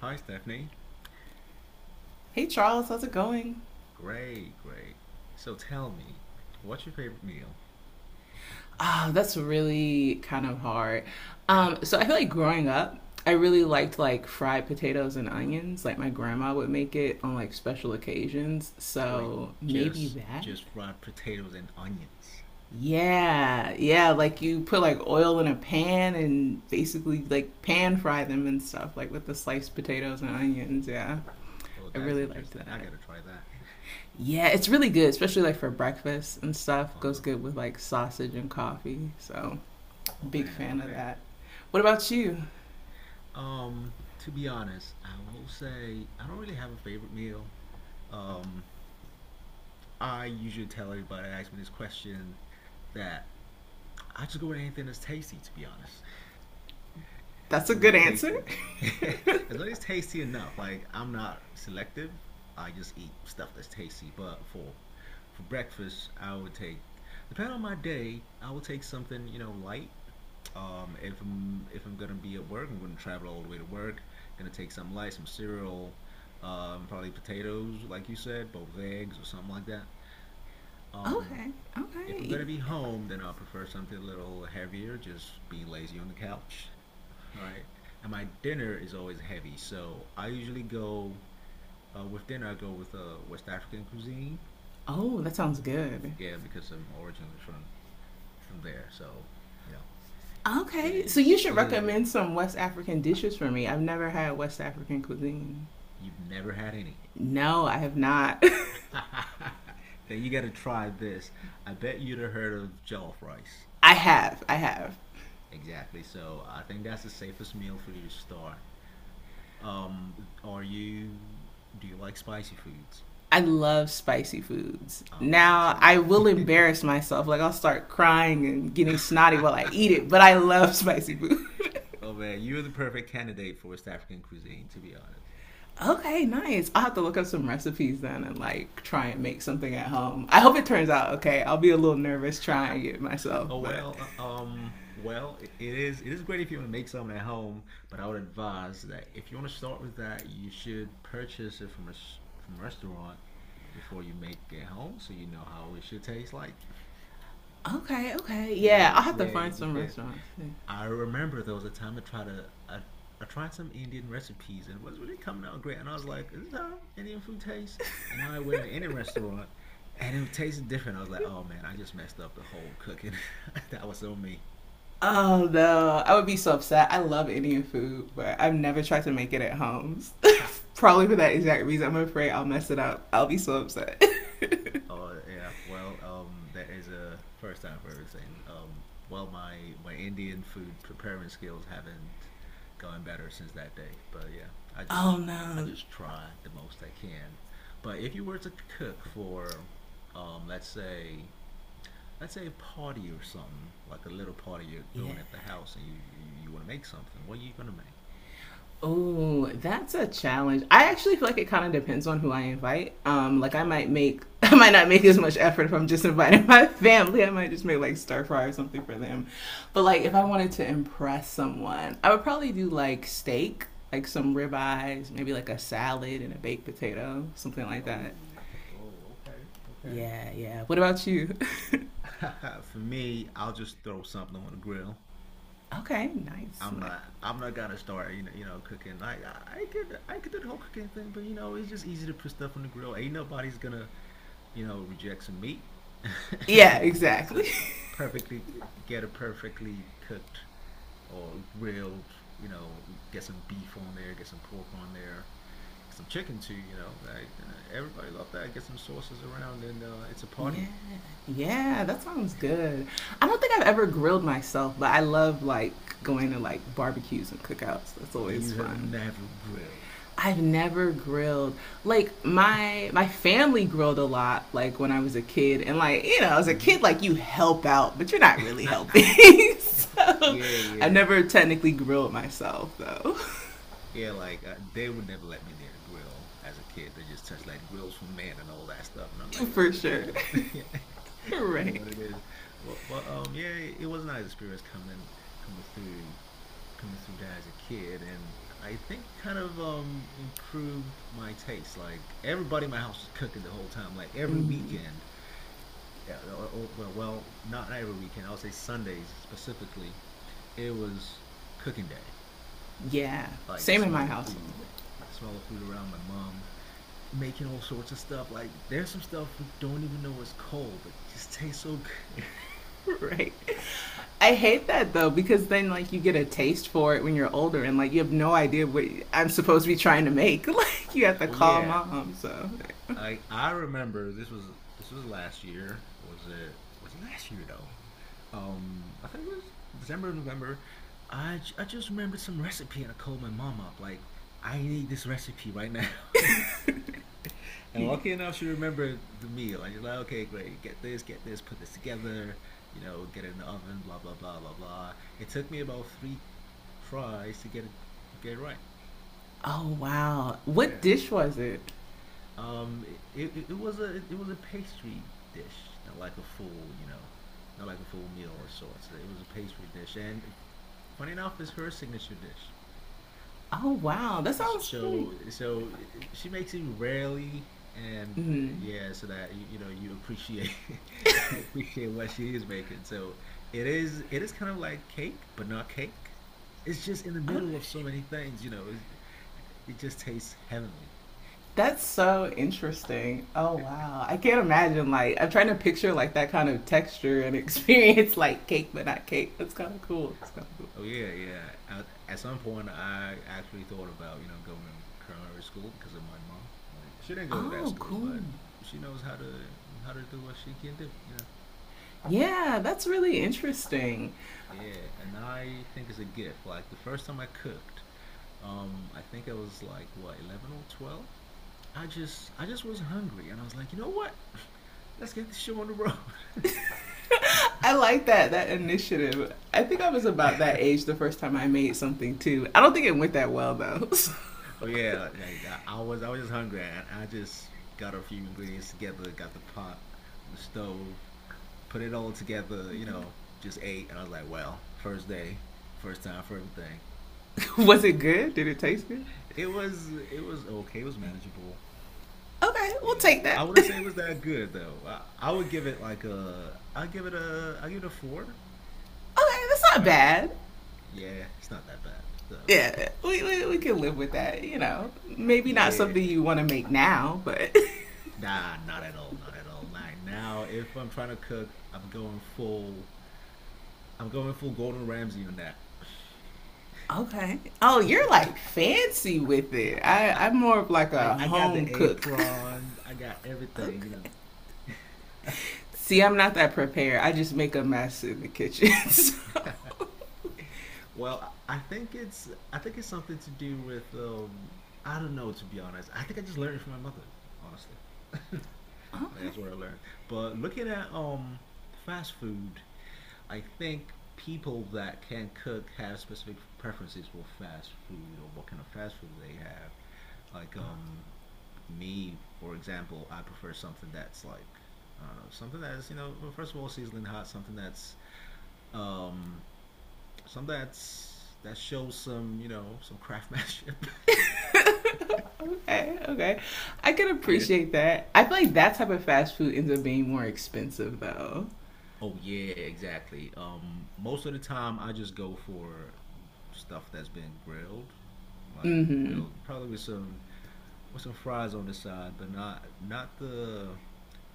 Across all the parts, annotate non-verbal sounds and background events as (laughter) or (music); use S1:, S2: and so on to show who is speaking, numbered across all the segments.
S1: Hi, Stephanie.
S2: Hey Charles, how's it going?
S1: Great, great. So tell me, what's your favorite meal?
S2: Ah, that's really kind of hard. Um,
S1: (laughs)
S2: so I feel like growing up, I really
S1: Uh-huh.
S2: liked like fried potatoes and onions. Like my grandma would make it on like special occasions.
S1: Wait,
S2: So maybe
S1: just
S2: that?
S1: just fried potatoes and onions.
S2: Yeah, yeah, like
S1: Okay.
S2: you put like oil in a pan and basically like pan fry them and stuff, like with the sliced potatoes and onions. Yeah,
S1: Oh,
S2: I
S1: that is
S2: really liked
S1: interesting. I
S2: that.
S1: gotta try that.
S2: Yeah, it's really good, especially like for breakfast and stuff. Goes
S1: Uh-huh.
S2: good with like sausage and coffee. So
S1: Oh
S2: big
S1: man.
S2: fan of
S1: Okay.
S2: that. What about you?
S1: To be honest, I will say I don't really have a favorite meal. Um, I usually tell everybody that asks me this question that I just go with anything that's tasty, to be honest.
S2: That's
S1: As
S2: a
S1: long as
S2: good
S1: it's
S2: answer.
S1: tasty. (laughs) As long as it's tasty enough. Like I'm not selective. I just eat stuff that's tasty. But for breakfast, I would take depending on my day, I will take something, you know, light. If I'm gonna be at work, I'm gonna travel all the way to work. Gonna take something light, some cereal, probably potatoes, like you said, both eggs or something like that. Um,
S2: Okay.
S1: if I'm
S2: Okay.
S1: gonna be home, then I'll prefer something a little heavier, just being lazy on the couch. All right. And my dinner is always heavy, so I usually go with dinner. I go with West African cuisine.
S2: Oh, that sounds good.
S1: Yeah, because I'm originally from there, so you know it
S2: Okay. So you
S1: is
S2: should
S1: it is what it
S2: recommend
S1: is.
S2: some West African dishes for me. I've never had West African cuisine.
S1: You've never had any.
S2: No, I have not.
S1: (laughs) Then you gotta try this. I bet you'd have heard of jollof rice.
S2: (laughs) I have. I have.
S1: Exactly. So I think that's the safest meal for you to start. Are you? Do you like spicy foods?
S2: I love spicy foods.
S1: Oh man, so.
S2: Now, I will embarrass myself. Like, I'll start crying and getting snotty while I
S1: (laughs)
S2: eat it, but I love spicy food. (laughs)
S1: Oh man, you're the perfect candidate for West African cuisine, to be honest.
S2: Okay, nice. I'll have to look up some recipes then and like try and make something at home. I hope it turns out okay. I'll be a little nervous trying
S1: (laughs)
S2: it myself,
S1: Oh
S2: but
S1: well, well, it is great if you want to make something at home, but I would advise that if you want to start with that, you should purchase it from from a restaurant before you make it home, so you know how it should taste like.
S2: okay, okay.
S1: You know,
S2: Yeah, I'll
S1: it,
S2: have to
S1: yeah,
S2: find
S1: you
S2: some
S1: could.
S2: restaurants. Yeah.
S1: I remember there was a time I tried some Indian recipes and it was really coming out great. And I was like, is this how Indian food tastes? And I went to an Indian restaurant and it tasted different. I was like, oh man, I just messed up the whole cooking. (laughs) That was on me.
S2: Oh no, I would be so upset. I love Indian food, but I've never tried to make it at home.
S1: (laughs)
S2: (laughs) Probably for that exact reason. I'm afraid I'll mess it up. I'll be so upset.
S1: Oh yeah, well, there is a first time for everything. Well, my Indian food preparing skills haven't gone better since that day. But yeah, I
S2: (laughs)
S1: just
S2: Oh
S1: I
S2: no.
S1: just try the most I can. But if you were to cook for, um, let's say let's say a party or something, like a little party you're
S2: Yeah.
S1: throwing at the house, and you want to make something, what are you gonna make?
S2: Oh, that's a challenge. I actually feel like it kind of depends on who I invite. Like I
S1: Oh,
S2: might make, (laughs) I might not make as much effort if I'm just inviting (laughs) my family. I might just make like stir fry or something for them. But like if I
S1: okay.
S2: wanted to impress someone, I would probably do like steak, like some ribeyes, maybe like a salad and a baked potato, something like
S1: Oh,
S2: that.
S1: oh, okay, okay.
S2: Yeah, yeah. What about you?
S1: (laughs) For me, I'll just throw something on the grill.
S2: (laughs) Okay, nice, nice.
S1: I'm not gonna start. You know. You know, cooking. I could. I could do the whole cooking thing, but you know, it's just easy to put stuff on the grill. Ain't nobody's gonna, you know, reject some meat (laughs) and
S2: Yeah,
S1: all that. So
S2: exactly. (laughs)
S1: perfectly get a perfectly cooked or grilled. You know, get some beef on there. Get some pork on there. Get some chicken too. You know, like everybody love that. Get some sauces around, and it's a
S2: Yeah,
S1: party.
S2: yeah, that sounds good. I don't think I've ever grilled myself, but I love like going to like barbecues and cookouts. That's always
S1: You have
S2: fun.
S1: never grilled.
S2: I've never grilled. Like my family grilled a lot like when I was a kid and like, you know, as a
S1: Hmm
S2: kid like you help out, but you're not really helping.
S1: (laughs)
S2: (laughs) So,
S1: Yeah,
S2: I've
S1: yeah.
S2: never technically grilled myself though.
S1: Yeah, like they would never let me near the grill as a kid. They just touched like grills for men and all that stuff, and
S2: (laughs)
S1: I'm like,
S2: For
S1: Come
S2: sure.
S1: on, man. (laughs) Yeah. (laughs)
S2: (laughs)
S1: You know
S2: Right.
S1: what it is. But yeah, it was a nice experience coming through coming through that as a kid, and I think kind of improved my taste. Like everybody in my house was cooking the whole time. Like every
S2: Mhm.
S1: weekend, yeah, well, not every weekend. I would say Sundays specifically. It was cooking day
S2: Yeah.
S1: like
S2: Same in my household.
S1: the smell of food around my mom, making all sorts of stuff. Like there's some stuff we don't even know is cold, but it just tastes so good.
S2: (laughs) Right. I hate that though because then like you get a taste for it when you're older and like you have no idea what I'm supposed to be trying to make. (laughs) Like you have
S1: (laughs)
S2: to
S1: Oh
S2: call
S1: yeah,
S2: mom. So,
S1: I remember this was last year. Was it last year though? I think it was December, November. I just remembered some recipe and I called my mom up like I need this recipe right now. (laughs) (laughs) And lucky enough, she remembered the meal. And she's like, okay, great. Get this, put this together, you know, get it in the oven, blah, blah, blah, blah, blah. It took me about three tries to get it right.
S2: oh wow, what
S1: Yeah.
S2: dish was it?
S1: Um, it was a pastry dish, not like a full, you know, not like a full meal of sorts. It was a pastry dish, and funny enough, it's her signature dish.
S2: Oh wow, that sounds really.
S1: So she makes it rarely, and
S2: Mm,
S1: yeah, so that you know you appreciate (laughs) you appreciate what she is making. So it is kind of like cake, but not cake. It's just in the middle of
S2: okay,
S1: so many things, you know. It's, it just tastes heavenly.
S2: that's so interesting. Oh wow, I can't imagine like I'm trying to picture like that kind of texture and experience (laughs) like cake but not cake. That's kind of cool. That's kind of cool.
S1: Oh yeah, yeah. At some point, I actually thought about you know going to culinary school because of my mom. Like she didn't go to that
S2: Oh
S1: school,
S2: cool.
S1: but she knows how to do what she can do, you know.
S2: Yeah, that's really interesting.
S1: Yeah, and I think it's a gift. Like the first time I cooked, I think I was like what, 11 or 12? I just was hungry and I was like, you know what? (laughs) Let's get this show on the road. (laughs)
S2: I like that that initiative. I think I was about that age the first time I made something too. I don't think it went that well though. So.
S1: Oh yeah, I was just hungry and I just got a few ingredients together, got the pot on the stove, put it all together, you know, just ate and I was like, well, first day, first time for everything.
S2: (laughs) Was it good? Did it taste good?
S1: It was okay, it was manageable.
S2: Okay, we'll
S1: Yeah,
S2: take
S1: I
S2: that. (laughs)
S1: wouldn't
S2: Okay,
S1: say it was that good though. I would give it like I give it a four.
S2: that's not
S1: All right.
S2: bad.
S1: Yeah, it's not that bad. So,
S2: Yeah,
S1: (laughs)
S2: we we can live with that. You know, maybe not
S1: yeah,
S2: something you want to make now, but
S1: nah, not at all, not at all. Like now, if I'm trying to cook, I'm going full Gordon Ramsay on that.
S2: (laughs) okay. Oh, you're like fancy with it. I'm more of like
S1: (laughs)
S2: a
S1: I got
S2: home
S1: the
S2: cook.
S1: apron, I got
S2: (laughs)
S1: everything, you
S2: Okay.
S1: know. (laughs)
S2: See, I'm not that prepared. I just make a mess in the kitchen. (laughs) So.
S1: Well, I think it's something to do with I don't know to be honest. I think I just learned it from my mother, honestly. (laughs) I think
S2: Okay.
S1: that's what I learned. But looking at fast food, I think people that can cook have specific preferences for fast food or what kind of fast food they have. Like me, for example, I prefer something that's like I don't know, something that's, you know, well, first of all, sizzling hot, something that's um some that's that shows some, you know, some craftsmanship. (laughs)
S2: Okay, okay. I can
S1: Yeah.
S2: appreciate that. I feel like that type of fast food ends up being more expensive though.
S1: Oh yeah, exactly. Most of the time I just go for stuff that's been grilled, like
S2: Mm-hmm.
S1: grilled, probably with some fries on the side, but not the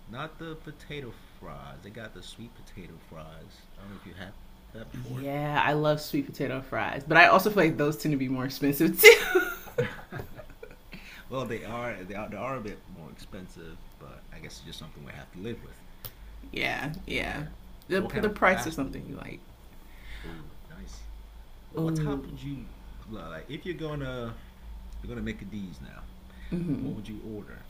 S1: potato fries. They got the sweet potato fries. I don't know if you had that before.
S2: Yeah, I love sweet potato fries, but I also feel like those tend to be more expensive too.
S1: (laughs) Well, they are they are a bit more expensive, but I guess it's just something we have to live with.
S2: (laughs) Yeah, yeah.
S1: Yeah. So what kind
S2: The
S1: of
S2: price of
S1: fast
S2: something
S1: food?
S2: you like.
S1: Oh, nice. What
S2: Ooh,
S1: type would you like if you're gonna make a D's now? What would you order?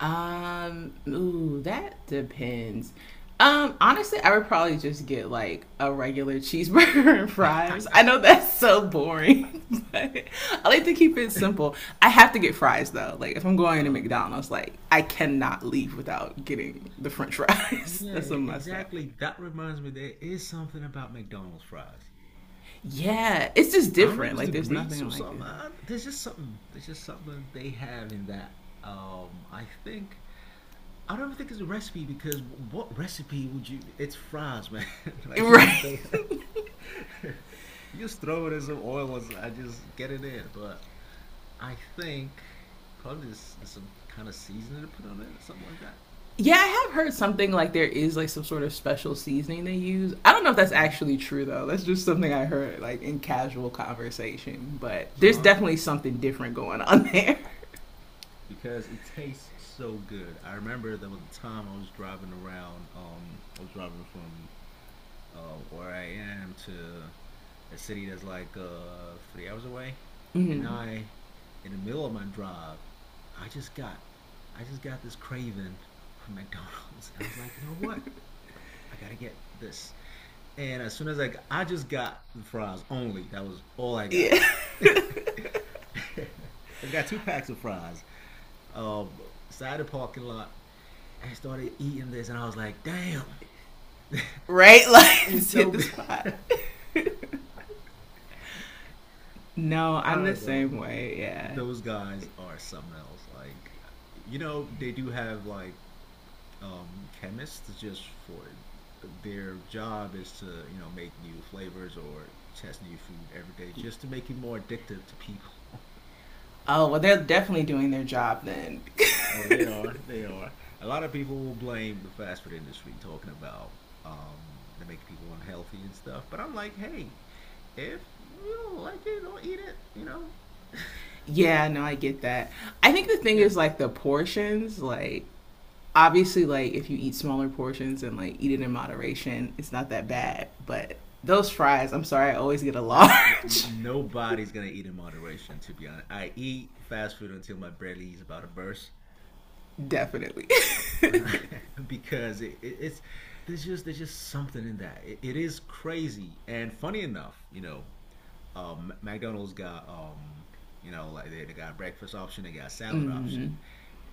S2: um, ooh, that depends. Honestly, I would probably just get like a regular cheeseburger (laughs) and fries. I know
S1: (laughs)
S2: that's so boring, (laughs) but I like to keep it simple. I have to get fries though. Like if I'm going to
S1: Uh,
S2: McDonald's, like I cannot leave without getting the French fries. (laughs)
S1: yeah,
S2: That's a must have.
S1: exactly. That reminds me, there is something about McDonald's fries.
S2: Yeah, it's just
S1: I don't know if
S2: different.
S1: it's
S2: Like
S1: the
S2: there's
S1: grease
S2: nothing
S1: or
S2: like it.
S1: something. There's just something. There's just something they have in that. Um, I think I don't think it's a recipe because what recipe would you? It's fries, man. (laughs)
S2: (laughs)
S1: Like you just
S2: Right.
S1: throw, (laughs) you just throw it in some oil and I just get it in. But I think probably there's some kind of seasoning to put on it, something like that.
S2: Yeah, I have heard something like there is like some sort of special seasoning they use. I don't know if that's
S1: Hmm
S2: actually true though. That's just something I heard like in casual conversation. But there's
S1: Uh-huh.
S2: definitely something different going on (laughs) there.
S1: Because it tastes so good. I remember there was a time I was driving around. I was driving from where I am to a city that's like 3 hours away,
S2: Mm-hmm.
S1: and in the middle of my drive, I just got, I just got this craving for (laughs) McDonald's, and I was like, you know what? I gotta get this. And as soon as I just got the fries only. That was all I got.
S2: Yeah,
S1: (laughs) I has got two packs of fries. Um, side of the parking lot. I started eating this, and I was like, damn, (laughs)
S2: (laughs) right.
S1: it's,
S2: Like
S1: it's
S2: just hit
S1: so
S2: the
S1: good.
S2: spot. No,
S1: (laughs) I
S2: I'm the
S1: don't know.
S2: same way. Yeah.
S1: Those guys are something else. Like, you know, they do have like chemists just for their job is to, you know, make new flavors or test new food every day just to make it more addictive to people.
S2: Oh well, they're definitely doing their job then.
S1: Oh, they are. They are. A lot of people will blame the fast food industry talking about um they make people unhealthy and stuff. But I'm like, hey, if you don't like it, don't eat it, you know?
S2: Yeah, no, I get that. I think the thing
S1: Yeah.
S2: is like the portions, like obviously like if you eat smaller portions and like eat it in moderation, it's not that
S1: Yeah.
S2: bad. But those fries, I'm sorry, I always get a
S1: That,
S2: large.
S1: nobody's gonna eat in moderation, to be honest. I eat fast food until my belly is about to burst,
S2: (laughs) Definitely.
S1: (laughs) because it's there's just something in that. It is crazy and funny enough, you know. McDonald's got you know, like they got breakfast option, they got
S2: (laughs)
S1: salad option.
S2: Mm.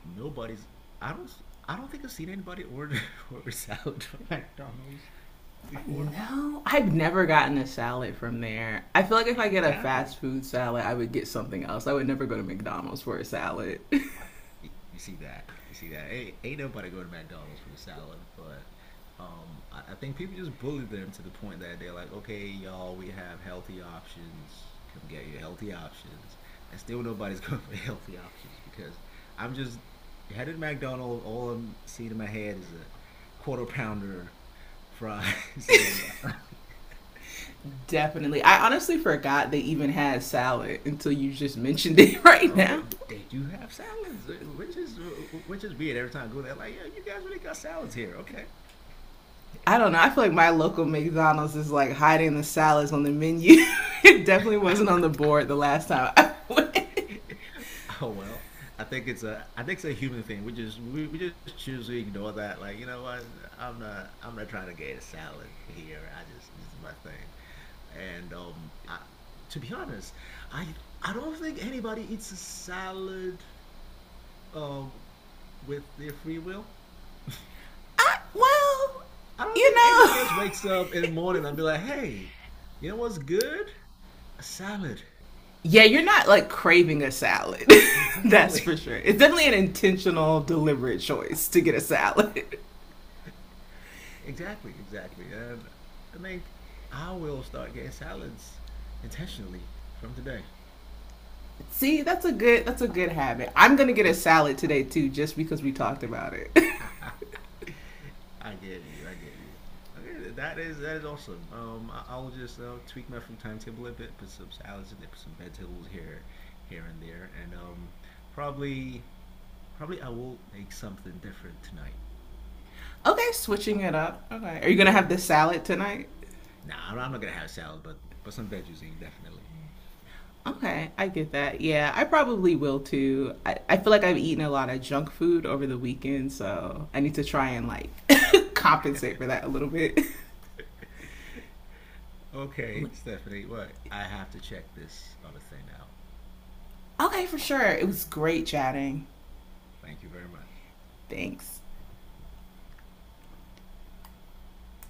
S1: Nobody's I don't I don't think I've seen anybody order (laughs) order salad from (laughs) McDonald's before.
S2: No, I've never gotten a salad from there. I feel like if I get a fast
S1: Exactly.
S2: food salad, I would get something else. I would never go to McDonald's for a salad.
S1: You You see that. Ain't, ain't nobody go to McDonald's for a salad, but I think people just bully them to the point that they're like, okay, y'all, we have healthy options. Come get your healthy options. And still nobody's (laughs) going for the healthy options because I'm just headed to McDonald's. All I'm seeing in my head is a quarter pounder, fries, (laughs) and all that.
S2: (laughs) Definitely. I honestly forgot they even had salad until you just (laughs) mentioned it right
S1: Oh,
S2: now.
S1: they do have salads, which is which is weird. Every time I go there, like, yeah, you guys really got salads here, okay?
S2: I don't know. I feel like my local McDonald's is like hiding the salads on the menu. (laughs) It definitely wasn't on the board the last time.
S1: (laughs) (laughs) Oh well, I think it's a I think it's a human thing. We just choose to ignore that. Like, you know what? I'm not trying to get a salad here. I just this is my thing. And I to be honest, I I don't think anybody eats a salad um with their free will.
S2: I, well,
S1: I don't
S2: you
S1: think anybody else wakes up in the morning and
S2: know.
S1: be like, "Hey, you know what's good? A salad."
S2: (laughs) Yeah, you're not like craving a salad. (laughs) That's
S1: Exactly.
S2: for sure. It's definitely an intentional, deliberate choice to get a salad.
S1: Exactly. And I think I will start getting salads intentionally from today.
S2: (laughs) See, that's a good habit. I'm gonna get a
S1: Amazing.
S2: salad today too, just because we talked about it.
S1: (laughs) I get you. I get you. Okay, that is awesome. I'll just tweak my food timetable a bit, put some salads in there, put some vegetables here, here and there, and probably probably I will make something different tonight.
S2: (laughs) Okay, switching it up. Okay, are you gonna
S1: Yeah.
S2: have the salad tonight?
S1: Nah, I'm not gonna have salad, but some veggies in definitely.
S2: Okay, I get that. Yeah, I probably will too. I feel like I've eaten a lot of junk food over the weekend, so I need to try and like (laughs) compensate for that a little bit.
S1: Okay,
S2: (laughs)
S1: Stephanie, what? I have to check this other thing out.
S2: Okay, for sure. It was great chatting.
S1: Thank you very much.
S2: Thanks.